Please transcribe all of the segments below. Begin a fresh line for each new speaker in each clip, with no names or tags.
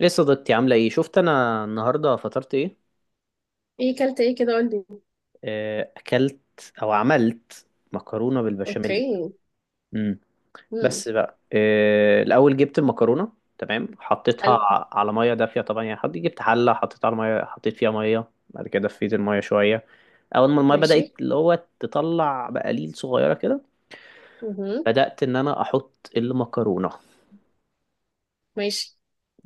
ليه صديقتي عاملة ايه؟ شفت انا النهاردة فطرت ايه؟
ايه كلت ايه كده قولي.
اكلت او عملت مكرونة بالبشاميل.
اوكي.
امم
امم.
بس بقى الاول جبت المكرونة، تمام،
حلو.
حطيتها على مية دافية. طبعا يعني حطيت، جبت حلة حطيتها على مية، حطيت فيها مية، بعد كده دفيت المية شوية. اول ما المية بدأت
ماشي.
اللي هو تطلع بقليل صغيرة كده،
امم.
بدأت ان انا احط المكرونة.
ماشي.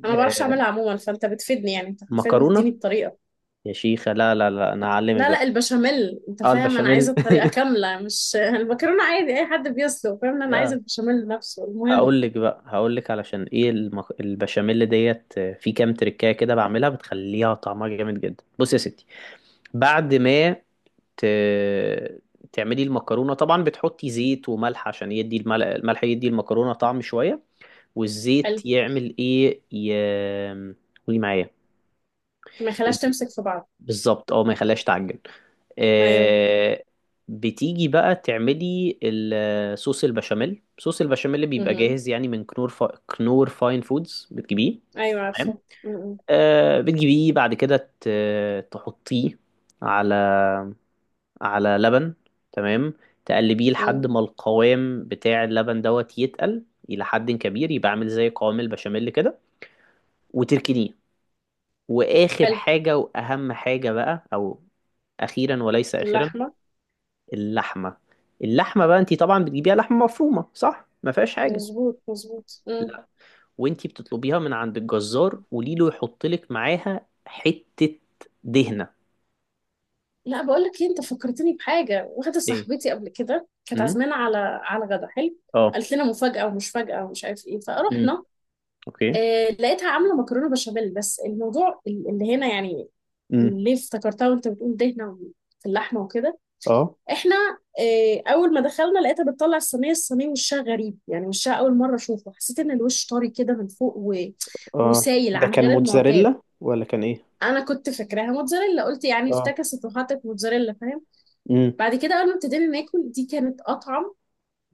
انا ما بعرفش
آه،
اعملها عموما، فانت بتفيدني، يعني انت فاهم بتديني
مكرونة.
الطريقه.
يا شيخة، لا لا لا، انا هعلمك
لا
بقى.
لا، البشاميل انت
اه
فاهم انا
البشاميل.
عايزه الطريقه كامله، مش المكرونه عادي اي حد بيسلق، فاهم انا عايزه البشاميل نفسه المهم.
هقول لك علشان ايه البشاميل ديت. في كام تريكايه كده بعملها بتخليها طعمها جامد جدا. بص يا ستي، بعد ما ت... تعملي المكرونه، طبعا بتحطي زيت وملح عشان يدي الملح يدي المكرونه طعم شويه، والزيت
حلو.
يعمل ايه قولي معايا.
ما يخليهاش تمسك في بعض.
بالظبط، اه، ما يخليهاش تعجن.
ايوه.
آه بتيجي بقى تعملي الصوص البشاميل، صوص البشاميل اللي بيبقى
امم.
جاهز يعني، من كنور فاين فودز بتجيبيه.
ايوه
تمام.
عارفه. امم.
بتجيبيه بعد كده تحطيه على على لبن. تمام. تقلبيه لحد ما القوام بتاع اللبن دوت يتقل إلى حد كبير، يبقى عامل زي قوام البشاميل كده، وتركنيه. واخر
حلو.
حاجة واهم حاجة بقى، او اخيرا وليس اخيرا،
اللحمه.
اللحمة. اللحمة بقى انتي طبعا بتجيبيها لحمة مفرومة، صح؟ ما فيهاش حاجة.
مظبوط مظبوط.
لا. وانتي بتطلبيها من عند الجزار قوليله يحط لك معاها حتة دهنة.
لا بقول لك ايه، انت فكرتني بحاجه واحده،
ايه؟
صاحبتي قبل كده كانت
امم.
عازمانا على على غدا، حلو.
اه.
قالت لنا مفاجاه ومش فاجاه ومش عارف ايه،
امم.
فرحنا.
اوكي.
آه، لقيتها عامله مكرونه بشاميل، بس الموضوع اللي هنا يعني.
امم.
اللي افتكرتها وانت بتقول دهنه في اللحمه وكده.
اه.
احنا، آه اول ما دخلنا لقيتها بتطلع الصينيه الصينيه، وشها غريب يعني، وشها اول مره اشوفه، حسيت ان الوش طري كده من فوق
اه،
وسايل
ده
عن
كان
غير المعتاد.
موتزاريلا ولا كان ايه؟
انا كنت فاكراها موتزاريلا، قلت يعني
اه.
افتكست وحطت موتزاريلا، فاهم.
امم.
بعد كده اول ما ابتدينا ناكل، دي كانت اطعم،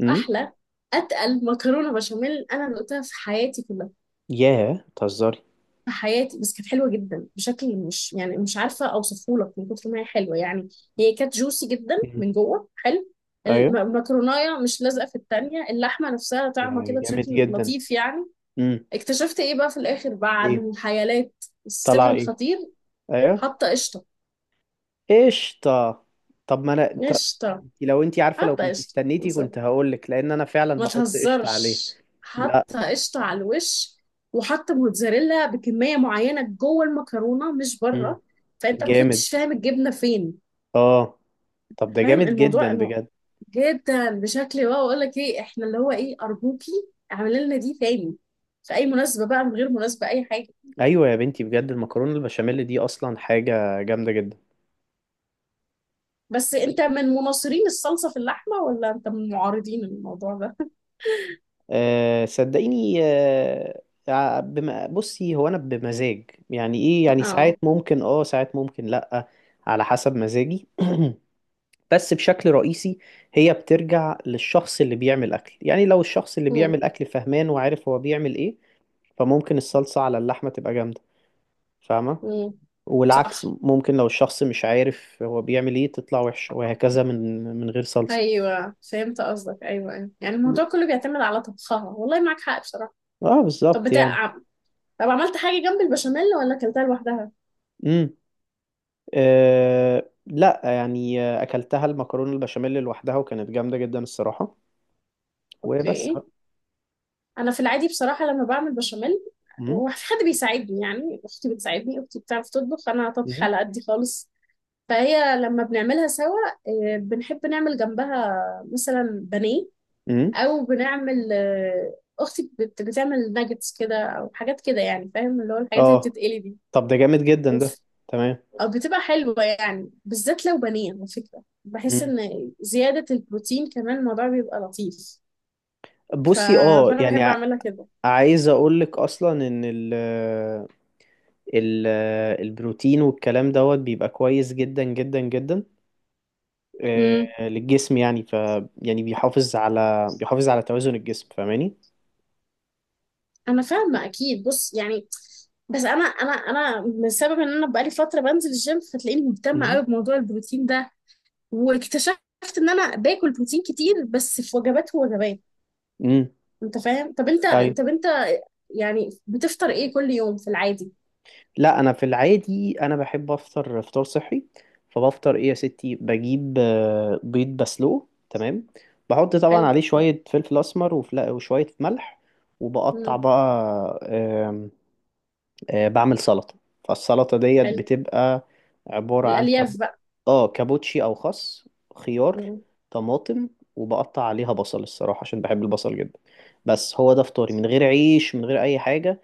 امم.
احلى، اتقل مكرونه بشاميل انا دقتها في حياتي كلها،
ياه، بتهزري؟
في حياتي. بس كانت حلوه جدا بشكل مش يعني، مش عارفه اوصفه لك من كتر ما هي حلوه يعني. هي كانت جوسي جدا
امم.
من جوه، حلو.
ايوه
المكرونايه مش لازقه في التانية، اللحمه نفسها طعمه
يعني،
كده
جامد
بشكل
جدا.
لطيف يعني.
امم.
اكتشفت ايه بقى في الاخر بعد
ايه؟
الحيالات؟ السر
طلع ايه؟
الخطير،
ايوه.
حاطه قشطه.
قشطة. طب ما انا
قشطه.
لو انتي عارفة، لو
حاطه
كنت
قشطه،
استنيتي كنت هقولك، لان انا فعلا
ما
بحط قشطة عليه.
تهزرش،
لا.
حاطه قشطه على الوش، وحاطه موتزاريلا بكميه معينه جوه المكرونه مش
مم.
بره. فانت ما
جامد.
كنتش فاهم الجبنه فين.
اه. طب ده
فاهم
جامد
الموضوع
جدا بجد.
جدا بشكل واو. اقول لك ايه، احنا اللي هو ايه، ارجوكي اعملي لنا دي تاني في اي مناسبه بقى، من غير مناسبه، اي حاجه.
ايوه يا بنتي، بجد المكرونة البشاميل دي اصلا حاجة جامدة جدا.
بس انت من مناصرين الصلصه في اللحمه، ولا انت من معارضين الموضوع ده؟
أه صدقيني. بصي، هو انا بمزاج يعني ايه، يعني
اه.
ساعات ممكن اه، ساعات ممكن لا، على حسب مزاجي بس بشكل رئيسي هي بترجع للشخص اللي بيعمل أكل. يعني لو الشخص اللي
امم.
بيعمل أكل فهمان وعارف هو بيعمل إيه، فممكن الصلصة على اللحمة تبقى جامدة، فاهمة.
امم.
والعكس،
صح.
ممكن لو الشخص مش عارف هو بيعمل إيه تطلع وحشة، وهكذا، من غير صلصة.
ايوه فهمت قصدك، ايوه ايوه، يعني الموضوع كله بيعتمد على طبخها، والله معاك حق بصراحه.
اه
طب
بالظبط يعني.
بتاع، طب عملت حاجه جنب البشاميل ولا اكلتها لوحدها؟
امم. لا يعني، أكلتها المكرونة البشاميل لوحدها وكانت جامدة جدا الصراحة. وبس
اوكي.
بقى.
انا في العادي بصراحه لما بعمل بشاميل
امم.
وفي حد بيساعدني، يعني اختي بتساعدني، اختي بتعرف تطبخ، انا طبخ
امم.
على قدي خالص. فهي لما بنعملها سوا، بنحب نعمل جنبها مثلا بانيه،
امم.
او بنعمل، اختي بتعمل ناجتس كده او حاجات كده يعني، فاهم اللي هو الحاجات اللي
اه.
بتتقلي دي.
طب ده جامد جدا ده. تمام.
أو بتبقى حلوة، يعني بالذات لو بانيه، على فكرة بحس إن زيادة البروتين كمان الموضوع بيبقى لطيف. ف...
بصي اه
فأنا
يعني
بحب أعملها كده.
عايز اقول لك اصلا ان ال ال البروتين والكلام دوت بيبقى كويس جدا جدا جدا
امم.
للجسم يعني. يعني بيحافظ على، توازن الجسم. فاهماني؟
أنا فاهمة أكيد، بص يعني، بس أنا بسبب إن أنا بقالي فترة بنزل الجيم، فتلاقيني مهتمة
امم.
أوي بموضوع البروتين ده. واكتشفت إن أنا باكل بروتين كتير بس في وجبات ووجبات.
امم.
أنت فاهم؟ طب أنت
ايوه.
طب أنت يعني بتفطر إيه كل يوم في العادي؟
لا، انا في العادي انا بحب افطر فطار صحي. فبفطر ايه يا ستي؟ بجيب بيض بسلوه، تمام. بحط طبعا
حلو.
عليه شوية فلفل اسمر وشوية ملح. وبقطع
امم.
بقى آمم، بعمل سلطة. فالسلطة ديت
حلو.
بتبقى عبارة عن
الألياف بقى.
اه، كابوتشي أو خس، خيار،
امم.
طماطم. وبقطع عليها بصل الصراحة عشان بحب البصل جدا. بس هو ده فطاري من غير عيش من غير أي حاجة.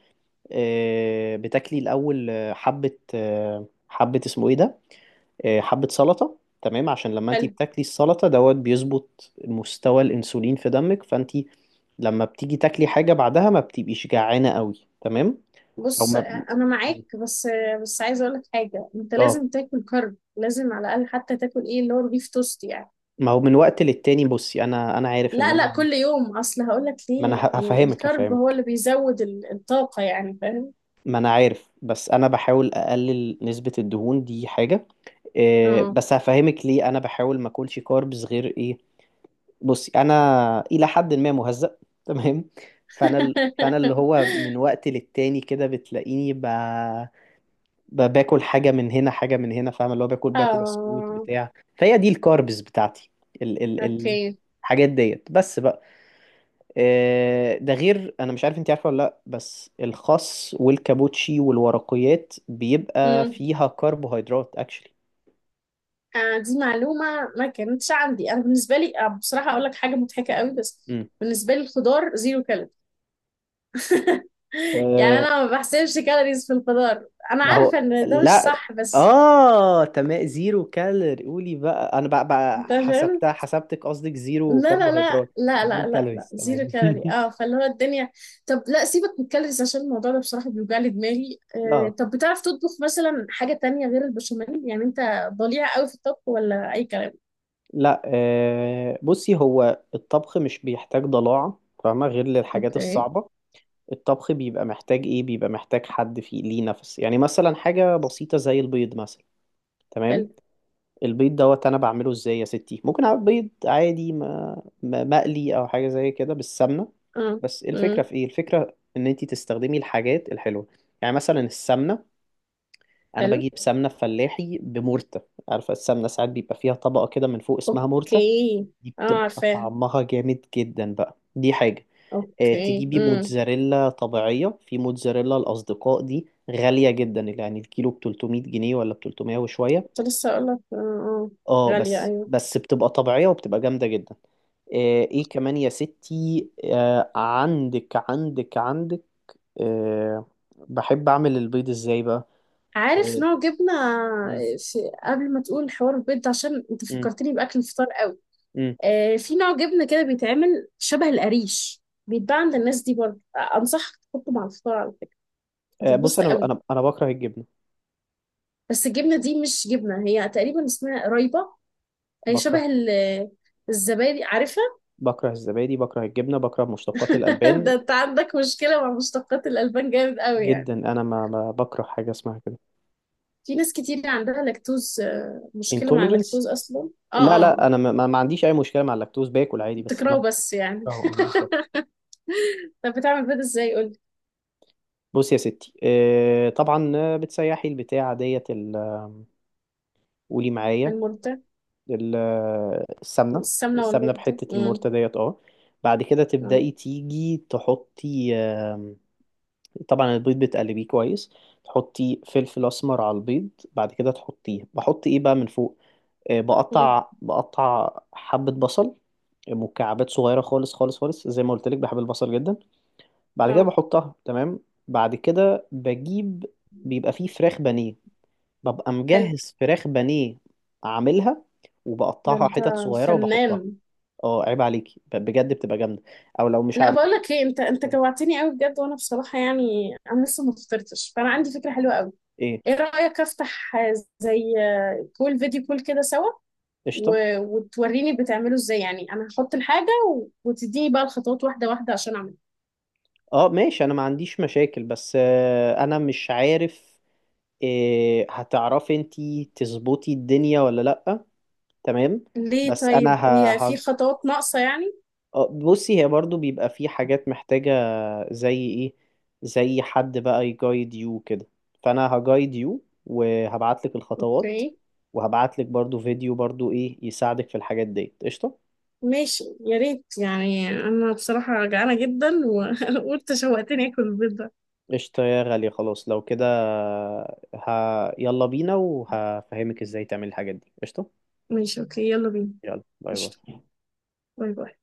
بتاكلي الأول حبة، حبة اسمه إيه ده، حبة سلطة، تمام. عشان لما انتي
حلو.
بتاكلي السلطة دوت بيظبط مستوى الأنسولين في دمك، فانتي لما بتيجي تاكلي حاجة بعدها ما بتبقيش جعانة قوي. تمام. او
بص
ما
انا معاك، بس بس عايزه اقول لك حاجه، انت
اه،
لازم تاكل كارب، لازم على الاقل حتى تاكل ايه اللي هو البيف توست يعني.
ما هو من وقت للتاني. بصي انا عارف ان
لا لا،
انا
كل يوم، اصل هقول لك
ما انا
ليه، إيه،
هفهمك
الكارب هو اللي
هفهمك
بيزود الطاقه يعني، فاهم.
ما انا عارف، بس انا بحاول اقلل نسبة الدهون، دي حاجة. إيه
اه.
بس هفهمك ليه انا بحاول ما اكلش كاربز غير ايه. بصي انا الى حد ما مهزأ تمام. فانا اللي هو من وقت للتاني كده بتلاقيني باكل حاجة من هنا، حاجة من هنا. فاهم؟ اللي هو باكل بسكوت
اه.
بتاع، فهي دي الكاربز بتاعتي. ال... ال... ال...
اوكي.
الحاجات ديت بس بقى. ده غير انا مش عارف انت عارفه ولا لا، بس الخس والكابوتشي والورقيات بيبقى
امم.
فيها كربوهيدرات اكشلي.
آه دي معلومه ما كانتش عندي، انا بالنسبه لي، بصراحه اقول لك حاجه مضحكه قوي، بس
مم.
بالنسبه لي الخضار زيرو كالوري. يعني
أه.
انا ما بحسبش كالوريز في الخضار، انا
ما هو
عارفه ان ده مش
لا.
صح بس.
اه تمام، زيرو كالوري. قولي بقى انا بقى,
انت
بقى
فاهم،
حسبتها، حسبتك قصدك زيرو
لا لا لا
كربوهيدرات.
لا
زيرو
لا لا لا،
كالوريز،
زيرو
تمام.
كالوري، اه، فاللي هو الدنيا. طب لا سيبك من الكالوريز، عشان الموضوع ده بصراحه بيوجع لي دماغي. آه
اه،
طب بتعرف تطبخ مثلا حاجه تانية غير البشاميل؟ يعني انت ضليع قوي في الطبخ ولا اي كلام؟
لا، بصي، هو الطبخ مش بيحتاج ضلاعة فاهمة، غير للحاجات
اوكي.
الصعبة. الطبخ بيبقى محتاج ايه؟ بيبقى محتاج حد فيه ليه نفس. يعني مثلا حاجة بسيطة زي البيض مثلا، تمام.
حلو.
البيض دوت انا بعمله ازاي يا ستي؟ ممكن اعمل بيض عادي مقلي، او حاجة زي كده بالسمنة.
اه.
بس الفكرة
امم.
في ايه؟ الفكرة ان انتي تستخدمي الحاجات الحلوة. يعني مثلا السمنة، انا
حلو.
بجيب سمنة فلاحي بمرتة. عارفة السمنة ساعات بيبقى فيها طبقة كده من فوق اسمها مرتة،
اوكي.
دي
اه
بتبقى
عارفاها.
طعمها جامد جدا بقى، دي حاجة.
اوكي.
تجيبي
امم.
موتزاريلا طبيعية. في موتزاريلا الأصدقاء دي غالية جدا، يعني الكيلو ب 300 جنيه ولا ب 300 وشوية.
كنت لسه اقول لك، اه اه،
اه،
غاليه
بس
أيوة.
بس بتبقى طبيعية وبتبقى جامدة جدا. ايه كمان يا ستي؟ عندك آه، بحب أعمل البيض ازاي بقى؟
عارف
آه،
نوع جبنة،
مم،
في قبل ما تقول حوار البيض ده، عشان انت
مم،
فكرتني بأكل الفطار قوي.
مم.
آه في نوع جبنة كده بيتعمل شبه القريش، بيتباع عند الناس دي برضه، أنصحك تحطه مع الفطار على فكرة،
بص،
هتتبسط
أنا
قوي.
أنا أنا بكره الجبنة،
بس الجبنة دي مش جبنة، هي تقريبا اسمها قريبة، هي
بكره
شبه الزبادي، عارفها.
بكره الزبادي، بكره الجبنة، بكره مشتقات الألبان
ده انت عندك مشكلة مع مشتقات الألبان جامد قوي يعني.
جدا. أنا ما بكره حاجة اسمها كده.
في ناس كتير عندها لاكتوز، مشكلة مع
intolerance.
اللاكتوز أصلا،
لا
اه.
لا،
اه
انا ما عنديش اي مشكله مع اللاكتوز، باكل عادي بس انا
بتكرهه بس يعني.
بكرهه. اه بالظبط.
طب بتعمل بيض ازاي قولي.
بص يا ستي، طبعا بتسيحي البتاع ديت، قولي معايا
المرده.
السمنه،
السمنه والمرده.
بحته،
امم.
المرتة ديت، اه. بعد كده
اه.
تبدأي تيجي تحطي، طبعا البيض بتقلبيه كويس، تحطي فلفل اسمر على البيض. بعد كده تحطيه، بحط ايه بقى من فوق؟
مم.
بقطع حبة بصل مكعبات صغيرة خالص خالص خالص، زي ما قلت لك بحب البصل جدا. بعد كده
اه.
بحطها، تمام. بعد كده بجيب، بيبقى فيه فراخ بانيه، ببقى
حلو.
مجهز فراخ بانيه عاملها،
ده
وبقطعها
انت
حتت صغيرة
فنان.
وبحطها. اه، عيب عليكي، بجد بتبقى جامدة. او لو مش
لا
هعمل
بقول لك ايه، انت انت جوعتني قوي بجد، وانا بصراحه يعني انا لسه ما فطرتش، فانا عندي فكره حلوه قوي.
ايه؟
ايه رايك افتح، زي كول فيديو كول كده سوا،
قشطة.
وتوريني بتعمله ازاي، يعني انا هحط الحاجه وتديني بقى الخطوات واحده واحده عشان اعملها.
اه ماشي، انا ما عنديش مشاكل، بس انا مش عارف إيه، هتعرفي انتي تظبطي الدنيا ولا لأ. تمام.
ليه
بس انا
طيب، هي في
ه-
خطوات ناقصه يعني؟
اه بصي، هي برضو بيبقى في حاجات محتاجة. زي ايه؟ زي حد بقى يجايد يو كده، فانا هجايد يو وهبعتلك الخطوات،
اوكي
وهبعتلك برضو فيديو برضو ايه يساعدك في الحاجات دي، قشطة.
ماشي، يا ريت، يعني انا بصراحة جعانة جدا و- وانت شوقتني اكل البيض ده.
قشطة يا غالية، خلاص لو كده ه... يلا بينا، وهفهمك ازاي تعمل الحاجات دي، قشطة.
ماشي اوكي يلا بينا.
يلا باي
قشطة.
باي.
باي باي.